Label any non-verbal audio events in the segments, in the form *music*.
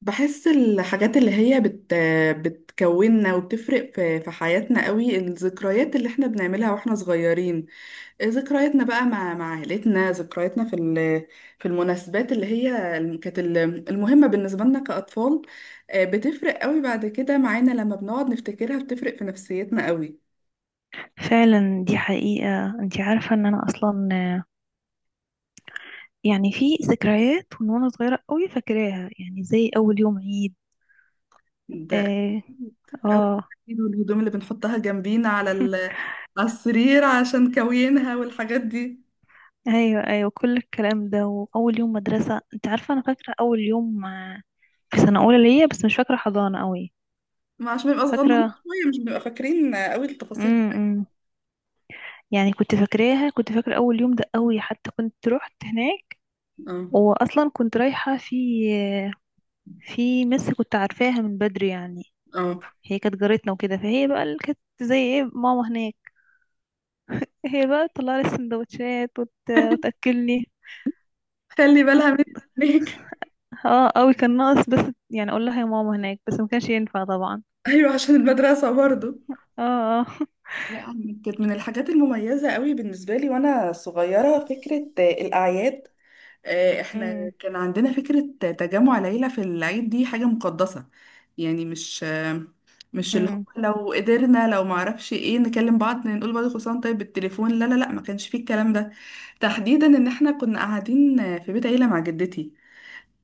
بحس الحاجات اللي هي بتكوننا وبتفرق في حياتنا قوي. الذكريات اللي احنا بنعملها واحنا صغيرين، ذكرياتنا بقى مع عائلتنا، ذكرياتنا في المناسبات اللي هي المهمة بالنسبة لنا كأطفال. بتفرق قوي بعد كده معانا لما بنقعد نفتكرها، بتفرق في نفسيتنا قوي. فعلا، دي حقيقة. انت عارفة ان انا اصلا يعني في ذكريات من وانا صغيرة قوي فاكراها، يعني زي اول يوم عيد. ده اه, أكيد قوي. آه. أكيد، والهدوم اللي بنحطها جنبينا *laughs* على السرير عشان كوينها والحاجات دي، ايوه، ايوه، كل الكلام ده، واول يوم مدرسة. انت عارفة انا فاكرة اول يوم في سنة اولى ليا، بس مش فاكرة حضانة قوي. ما عشان نبقى صغننين فاكرة. شوية مش بنبقى فاكرين قوي التفاصيل. امم يعني كنت فاكرة اول يوم ده قوي، حتى كنت رحت هناك. اه واصلا كنت رايحة آه، في مس كنت عارفاها من بدري يعني. اه، هي كانت جارتنا وكده، فهي بقى اللي كانت زي ايه، ماما هناك. هي بقى تطلع لي السندوتشات وتاكلني. خلي كنت بالها منك. اه قوي، كان ناقص بس يعني اقول لها يا ماما هناك، بس ما كانش ينفع طبعا. *laughs* ايوه عشان المدرسة برضو. اه. اه. لا، أنا كانت من الحاجات المميزة قوي بالنسبة لي وانا صغيرة فكرة الاعياد. *laughs* احنا امم كان عندنا فكرة تجمع العيلة في العيد، دي حاجة مقدسة. يعني مش اللي هو امم لو قدرنا لو معرفش ايه نكلم بعض نقول بعض كل سنة وأنت طيب بالتليفون. لا لا لا، ما كانش فيه الكلام ده تحديدا، ان احنا كنا قاعدين في بيت عيلة مع جدتي.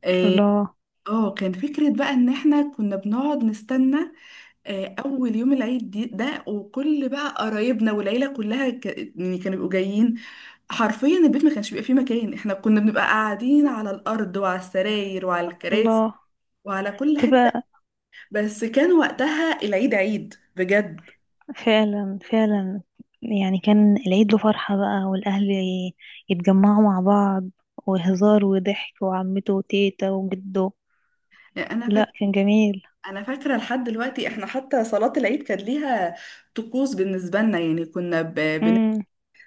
إيه، الله. اه كان فكرة بقى ان احنا كنا بنقعد نستنى اول يوم العيد دي ده، وكل بقى قرايبنا والعيلة كلها يعني كانوا بيبقوا جايين. حرفيا البيت ما كانش بيبقى فيه مكان، احنا كنا بنبقى قاعدين على الارض وعلى السراير وعلى الكراسي الله. وعلى كل حتة. تبقى بس كان وقتها العيد عيد بجد. فعلا، فعلا. يعني كان العيد له فرحة بقى، والأهل يتجمعوا مع بعض، وهزار وضحك، وعمته وتيتا وجده. يعني انا فاكرة لا، كان جميل. انا فاكرة لحد دلوقتي احنا حتى صلاة العيد كانت ليها طقوس بالنسبة لنا. يعني كنا امم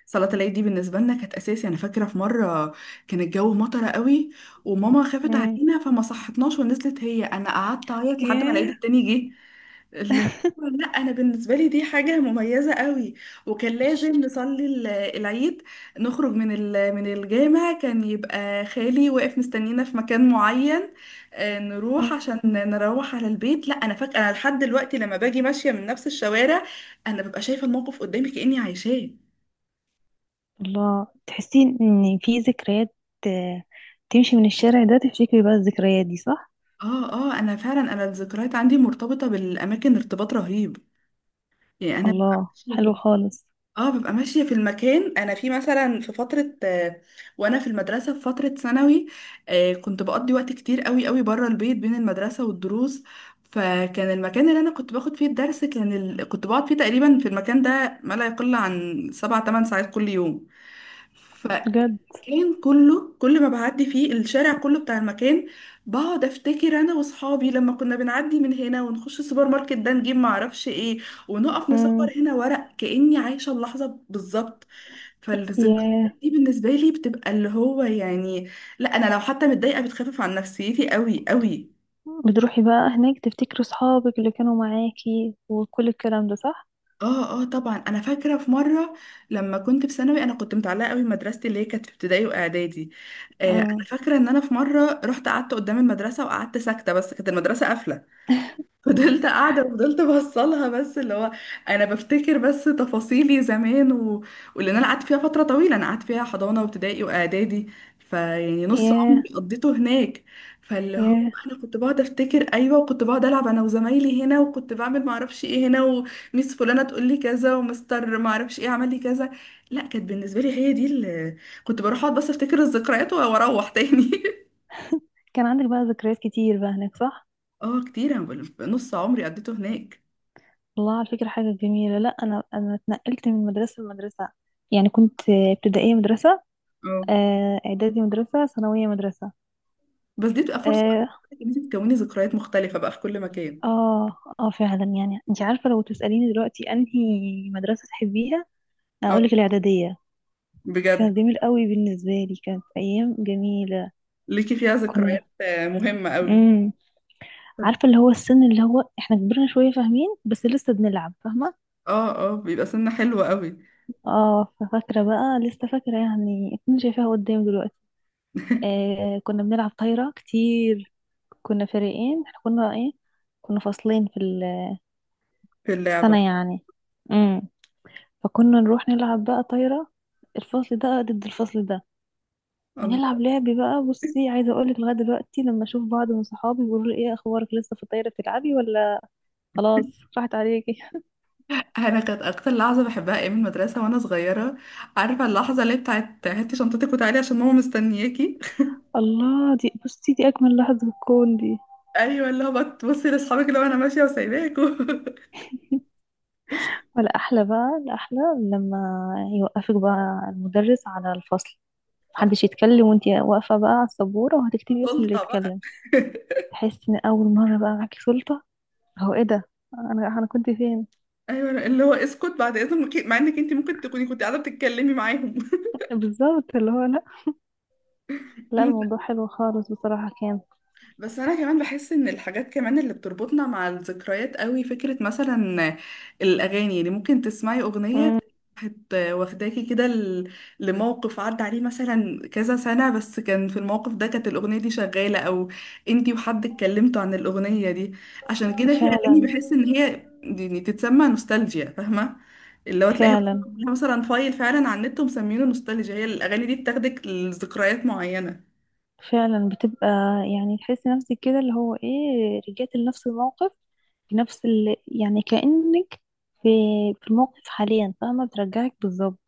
صلاة العيد دي بالنسبة لنا كانت أساسي. أنا فاكرة في مرة كان الجو مطرة قوي، وماما خافت امم علينا فما صحتناش ونزلت هي، أنا قعدت أعيط لحد ما العيد ياه. التاني جه. اللي هو، لا انا بالنسبه لي دي حاجه مميزه قوي. وكان لازم نصلي العيد، نخرج من من الجامع كان يبقى خالي واقف مستنينا في مكان معين، نروح عشان *laughs* نروح على البيت. لا انا فاكره انا لحد دلوقتي لما باجي ماشيه من نفس الشوارع انا ببقى شايفه الموقف قدامي كاني عايشاه. الله، تحسي ان في ذكريات، آه، تمشي من الشارع ده تفتكري بقى الذكريات دي، صح. اه اه، انا فعلا، الذكريات عندي مرتبطه بالاماكن ارتباط رهيب. يعني انا ببقى الله، ماشيه في حلو خالص. اه ببقى ماشيه في المكان. انا في مثلا في فتره وانا في المدرسه في فتره ثانوي، كنت بقضي وقت كتير قوي قوي بره البيت بين المدرسه والدروس. فكان المكان اللي انا كنت باخد فيه الدرس كنت بقعد فيه تقريبا في المكان ده ما لا يقل عن 7 8 ساعات كل بجد. يوم. كان كله، كل ما بعدي فيه الشارع كله بتاع المكان، بقعد افتكر انا واصحابي لما كنا بنعدي من هنا ونخش السوبر ماركت ده نجيب معرفش ايه ونقف نصور امم هنا ورق، كأني عايشة اللحظة بالظبط. فالذكريات ياه. دي بالنسبة لي بتبقى اللي هو يعني، لا انا لو حتى متضايقة بتخفف عن نفسيتي قوي قوي. بتروحي بقى هناك تفتكري صحابك اللي كانوا معاكي وكل الكلام ده، صح. اه اه طبعا، انا فاكره في مره لما كنت في ثانوي انا كنت متعلقه قوي بمدرستي اللي هي كانت في ابتدائي واعدادي. آه، انا امم فاكره ان انا في مره رحت قعدت قدام المدرسه وقعدت ساكته، بس كانت المدرسه قافله، فضلت قاعدة وفضلت بوصلها، بس اللي هو أنا بفتكر بس تفاصيلي زمان واللي أنا قعدت فيها فترة طويلة، أنا قعدت فيها حضانة وابتدائي وإعدادي، فيعني نص ياه، عمري قضيته هناك. فاللي هو ياه. أنا كنت بقعد أفتكر أيوة، وكنت بقعد ألعب أنا وزمايلي هنا، وكنت بعمل معرفش إيه هنا، وميس فلانة تقول لي كذا، ومستر معرفش إيه عمل لي كذا. لا كانت بالنسبة لي هي دي اللي كنت بروح أقعد بس أفتكر الذكريات وأروح تاني. *laughs* كان عندك بقى ذكريات كتير بقى هناك، صح. اه كتير، أنا بقول- نص عمري قضيته هناك. الله، على فكرة حاجة جميلة. لا انا، اتنقلت من مدرسة لمدرسة. يعني كنت ابتدائية مدرسة، اعدادي مدرسة، ثانوية مدرسة. بس دي بتبقى فرصة آه، ان انت تكوني ذكريات مختلفة بقى في كل مكان. اه، اه، فعلا. يعني انت عارفة، لو تسأليني دلوقتي انهي مدرسة تحبيها، اه اقولك الاعدادية. بجد، كانت جميل قوي بالنسبة لي، كانت ايام جميلة. ليكي فيها كنا، ذكريات مهمة قوي. امم عارفة اللي هو السن اللي هو احنا كبرنا شوية، فاهمين بس لسه بنلعب، فاهمة. اه اه بيبقى سنة حلوة قوي. اه، ففاكرة بقى، لسه فاكرة يعني، اكون شايفاها قدام دلوقتي. *laughs* آه، كنا بنلعب طايرة كتير. كنا فريقين. احنا كنا ايه، كنا فصلين في في اللعبة. السنة يعني. فكنا نروح نلعب بقى طايرة، الفصل ده ضد الفصل ده. الله، ونلعب لعبي بقى. بصي، عايزة اقولك، لغاية دلوقتي لما اشوف بعض من صحابي بيقولوا لي، ايه اخبارك، لسه في الطايرة بتلعبي ولا خلاص راحت عليكي. انا كانت اكتر لحظة بحبها ايام المدرسة وانا صغيرة، عارفة اللحظة اللي بتاعت هاتي شنطتك وتعالي عشان ماما مستنياكي. *laughs* *laughs* الله، دي بصي دي اجمل لحظة في الكون دي. ايوه، اللي هو بتبصي لاصحابك اللي هو انا ماشية وسايباكوا. ولا احلى بقى، الاحلى لما يوقفك بقى المدرس على الفصل، *laughs* آه، محدش يتكلم، وانتي واقفة بقى على السبورة وهتكتبي اسم اللي سلطة بقى. يتكلم. *laughs* تحسي ان اول مرة بقى معاكي سلطة. هو ايه ده، انا انا كنت فين. ايوه اللي هو اسكت بعد اذنك، مع انك انت ممكن تكوني كنت قاعدة بتتكلمي معاهم. بالظبط، اللي هو لا، لا، *laughs* الموضوع حلو خالص بصراحة، كان بس انا كمان بحس ان الحاجات كمان اللي بتربطنا مع الذكريات قوي فكرة مثلا الاغاني. يعني ممكن تسمعي اغنية مم. هت واخداكي كده لموقف عدى عليه مثلا كذا سنة، بس كان في الموقف ده كانت الاغنية دي شغالة، او انتي وحد اتكلمتوا عن الاغنية دي. عشان كده في اغاني فعلا، بحس ان هي يعني تتسمى نوستالجيا، فاهمة؟ اللي هو تلاقيها فعلا، مثلاً فايل فعلا على النت ومسمينه نوستالجيا، هي الاغاني دي بتاخدك لذكريات معينة. فعلا. بتبقى يعني تحسي نفسك كده اللي هو ايه، رجعت لنفس الموقف، بنفس يعني كأنك في في الموقف حاليا، فاهمة، بترجعك بالظبط.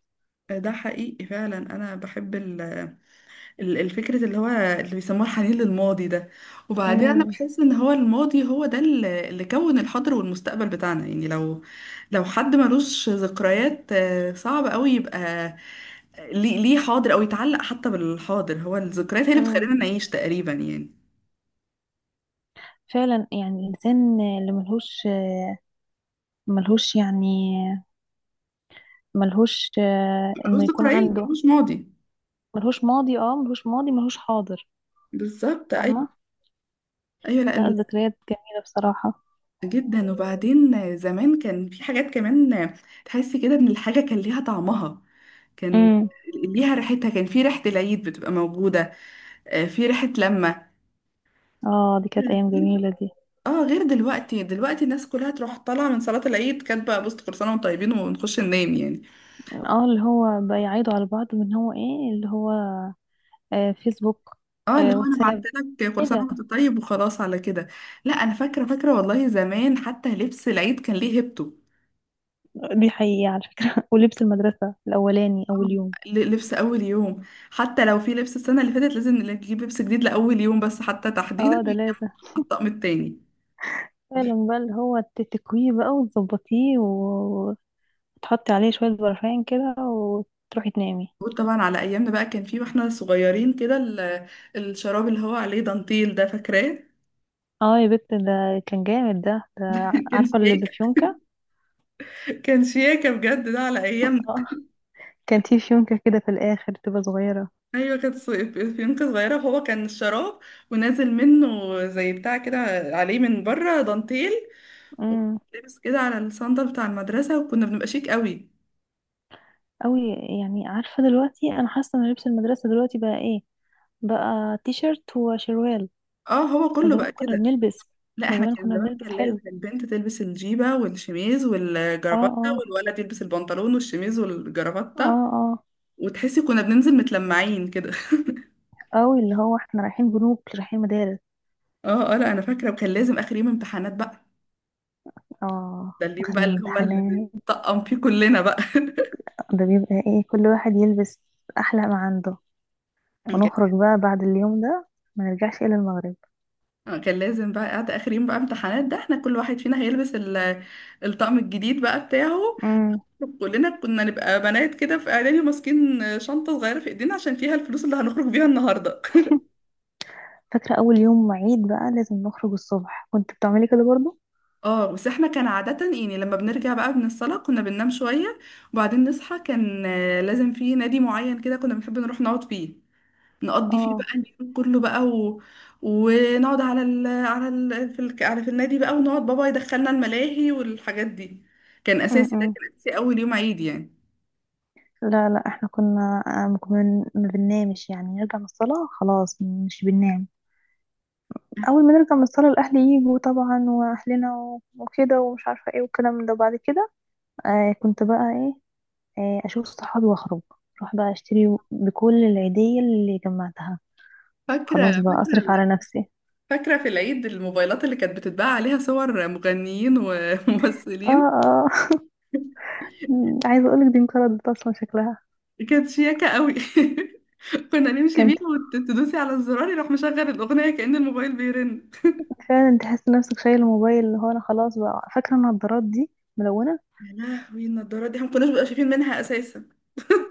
ده حقيقي فعلا، انا بحب الفكره اللي هو اللي بيسموها الحنين للماضي ده. وبعدين انا مم. بحس ان هو الماضي هو ده اللي كون الحاضر والمستقبل بتاعنا. يعني لو حد ملوش ذكريات صعب قوي يبقى، ليه حاضر او يتعلق حتى بالحاضر، هو الذكريات هي اللي مم. بتخلينا نعيش تقريبا يعني. فعلا. يعني الإنسان اللي ملهوش، يعني ملهوش ملوش إنه يكون ذكريات عنده، ملوش ماضي. ملهوش ماضي. اه، ملهوش ماضي، ملهوش حاضر. بالظبط، ايوه، فاهمة. ايوه. لا لا، ال- الذكريات جميلة بصراحة. جدا، وبعدين زمان كان في حاجات كمان تحسي كده ان الحاجه كان ليها طعمها، كان امم ليها ريحتها، كان في ريحة العيد بتبقى موجودة، في ريحة لما اه، دي كانت أيام جميلة دي. اه غير دلوقتي. دلوقتي الناس كلها تروح طالعة من صلاة العيد كاتبة بص كل سنة وانتم طيبين ونخش ننام يعني. اه، اللي هو بيعيدوا على بعض من هو ايه، اللي هو آه، فيسبوك، اه اللي آه، هو انا بعت واتساب، لك كل ايه سنة ده. وانت طيب وخلاص على كده. لا انا فاكرة فاكرة والله زمان حتى لبس العيد كان ليه هيبته. دي حقيقة على فكرة. *laughs* ولبس المدرسة الأولاني آه، أول يوم. لبس اول يوم، حتى لو في لبس السنة اللي فاتت لازم نجيب لبس جديد لأول يوم بس، حتى تحديدا اه ده لازم. ويتطقم التاني. فعلا بقى، اللي هو تتكويه بقى وتظبطيه وتحطي عليه شوية برفان كده، وتروحي تنامي. موجود طبعا على ايامنا. بقى كان في واحنا صغيرين كده الشراب اللي هو عليه دانتيل ده، فاكراه؟ اه يا بنت، ده كان جامد ده، *laughs* كان عارفة اللي شياكه. بفيونكة. كان شياكه بجد ده على ايامنا. *laughs* اه، كان في فيونكة كده في الآخر، تبقى صغيرة. ايوه، فيونكة صغيره، فهو كان الشراب ونازل منه زي بتاع كده عليه من بره دانتيل، امم. ولابس كده على الصندل بتاع المدرسه وكنا بنبقى شيك قوي. أوي. يعني عارفة دلوقتي أنا حاسة إن لبس المدرسة دلوقتي بقى إيه، بقى تي شيرت وشروال. اه هو احنا كله بقى زمان كنا كده. بنلبس لا احنا احنا زمان كان كنا زمان، كان بنلبس حلو. لازم البنت تلبس الجيبه والشميز اه، والجرافته، اه، والولد يلبس البنطلون والشميز اه، والجرافته. اه. وتحسي كنا بننزل متلمعين كده. اوي، اللي هو احنا رايحين جنوب، رايحين مدارس. *laughs* اه اه، لا انا فاكره وكان لازم اخر يوم امتحانات بقى، اه، ده اليوم اخر بقى يوم اللي هو اللي امتحانات بنطقم فيه كلنا بقى. ده بيبقى ايه، كل واحد يلبس احلى ما عنده، *laughs* ونخرج كان بقى بعد اليوم ده ما نرجعش الا المغرب. كان لازم بقى قاعده اخر يوم بقى امتحانات ده، احنا كل واحد فينا هيلبس الطقم الجديد بقى بتاعه. امم. كلنا كنا نبقى بنات كده في اعدادي ماسكين شنطه صغيره في ايدينا عشان فيها الفلوس اللي هنخرج بيها النهارده. فاكرة اول يوم عيد بقى لازم نخرج الصبح، كنت بتعملي كده برضو. *laughs* اه، بس احنا كان عاده يعني لما بنرجع بقى من الصلاه كنا بننام شويه. وبعدين نصحى كان لازم في نادي معين كده كنا بنحب نروح نقعد فيه، نقضي فيه بقى اه. اليوم كله بقى ونقعد على ال... على ال... في ال... على في النادي بقى، ونقعد بابا يدخلنا الملاهي والحاجات دي. كان اساسي، ده امم كان اساسي اول يوم عيد يعني. لا، لا، احنا كنا ما بننامش يعني. نرجع من الصلاة خلاص مش بننام. اول ما نرجع من الصلاه الاهل يجوا طبعا، واهلنا وكده ومش عارفه ايه وكلام من ده. بعد كده آه كنت بقى ايه آه اشوف صحابي واخرج، اروح بقى اشتري بكل العيديه اللي جمعتها، فاكره، خلاص بقى اصرف فاكره، على نفسي. فاكره في العيد الموبايلات اللي كانت بتتباع عليها صور مغنيين اه، وممثلين. اه. *laughs* عايزه اقولك دي انقرضت اصلا شكلها. كانت شياكه قوي. *laughs* كنا نمشي كانت بيها وتدوسي على الزرار يروح مشغل الاغنيه كأن الموبايل بيرن. فعلا تحس نفسك شايل الموبايل. اللي هو انا خلاص بقى، فاكره النضارات دي ملونه. يا لهوي، النضاره دي احنا ما كناش بنبقى شايفين منها اساسا،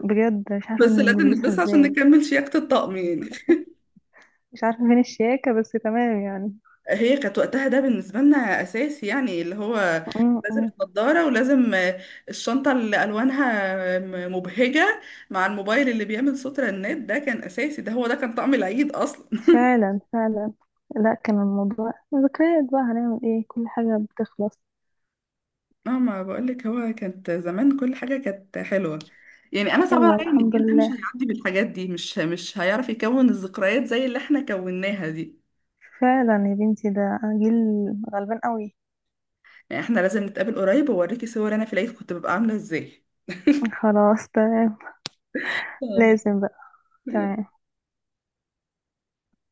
بجد مش عارفه بس إن لازم نلبسها نلبسها عشان ازاي. نكمل شياكه الطقم يعني. مش عارفه فين الشياكه، بس تمام يعني. هي كانت وقتها ده بالنسبة لنا أساسي يعني اللي هو لازم *laughs* النضارة، ولازم الشنطة اللي ألوانها مبهجة، مع الموبايل اللي بيعمل صوت رنات ده كان أساسي، ده هو ده كان طعم العيد أصلا. *laughs* فعلا، فعلا. لا، كان الموضوع ذكريات بقى، هنعمل ايه، كل حاجة بتخلص. اه ما بقولك، هو كانت زمان كل حاجة كانت حلوة. يعني أنا صعب يلا، عليا إن الحمد الجيل ده مش لله. هيعدي بالحاجات دي، مش هيعرف يكون الذكريات زي اللي احنا كوناها دي. فعلا يا بنتي، ده جيل غلبان قوي. يعني احنا لازم نتقابل قريب وأوريكي صور أنا في العيد كنت ببقى عاملة إزاي. خلاص، تمام. آه. لازم بقى. تمام.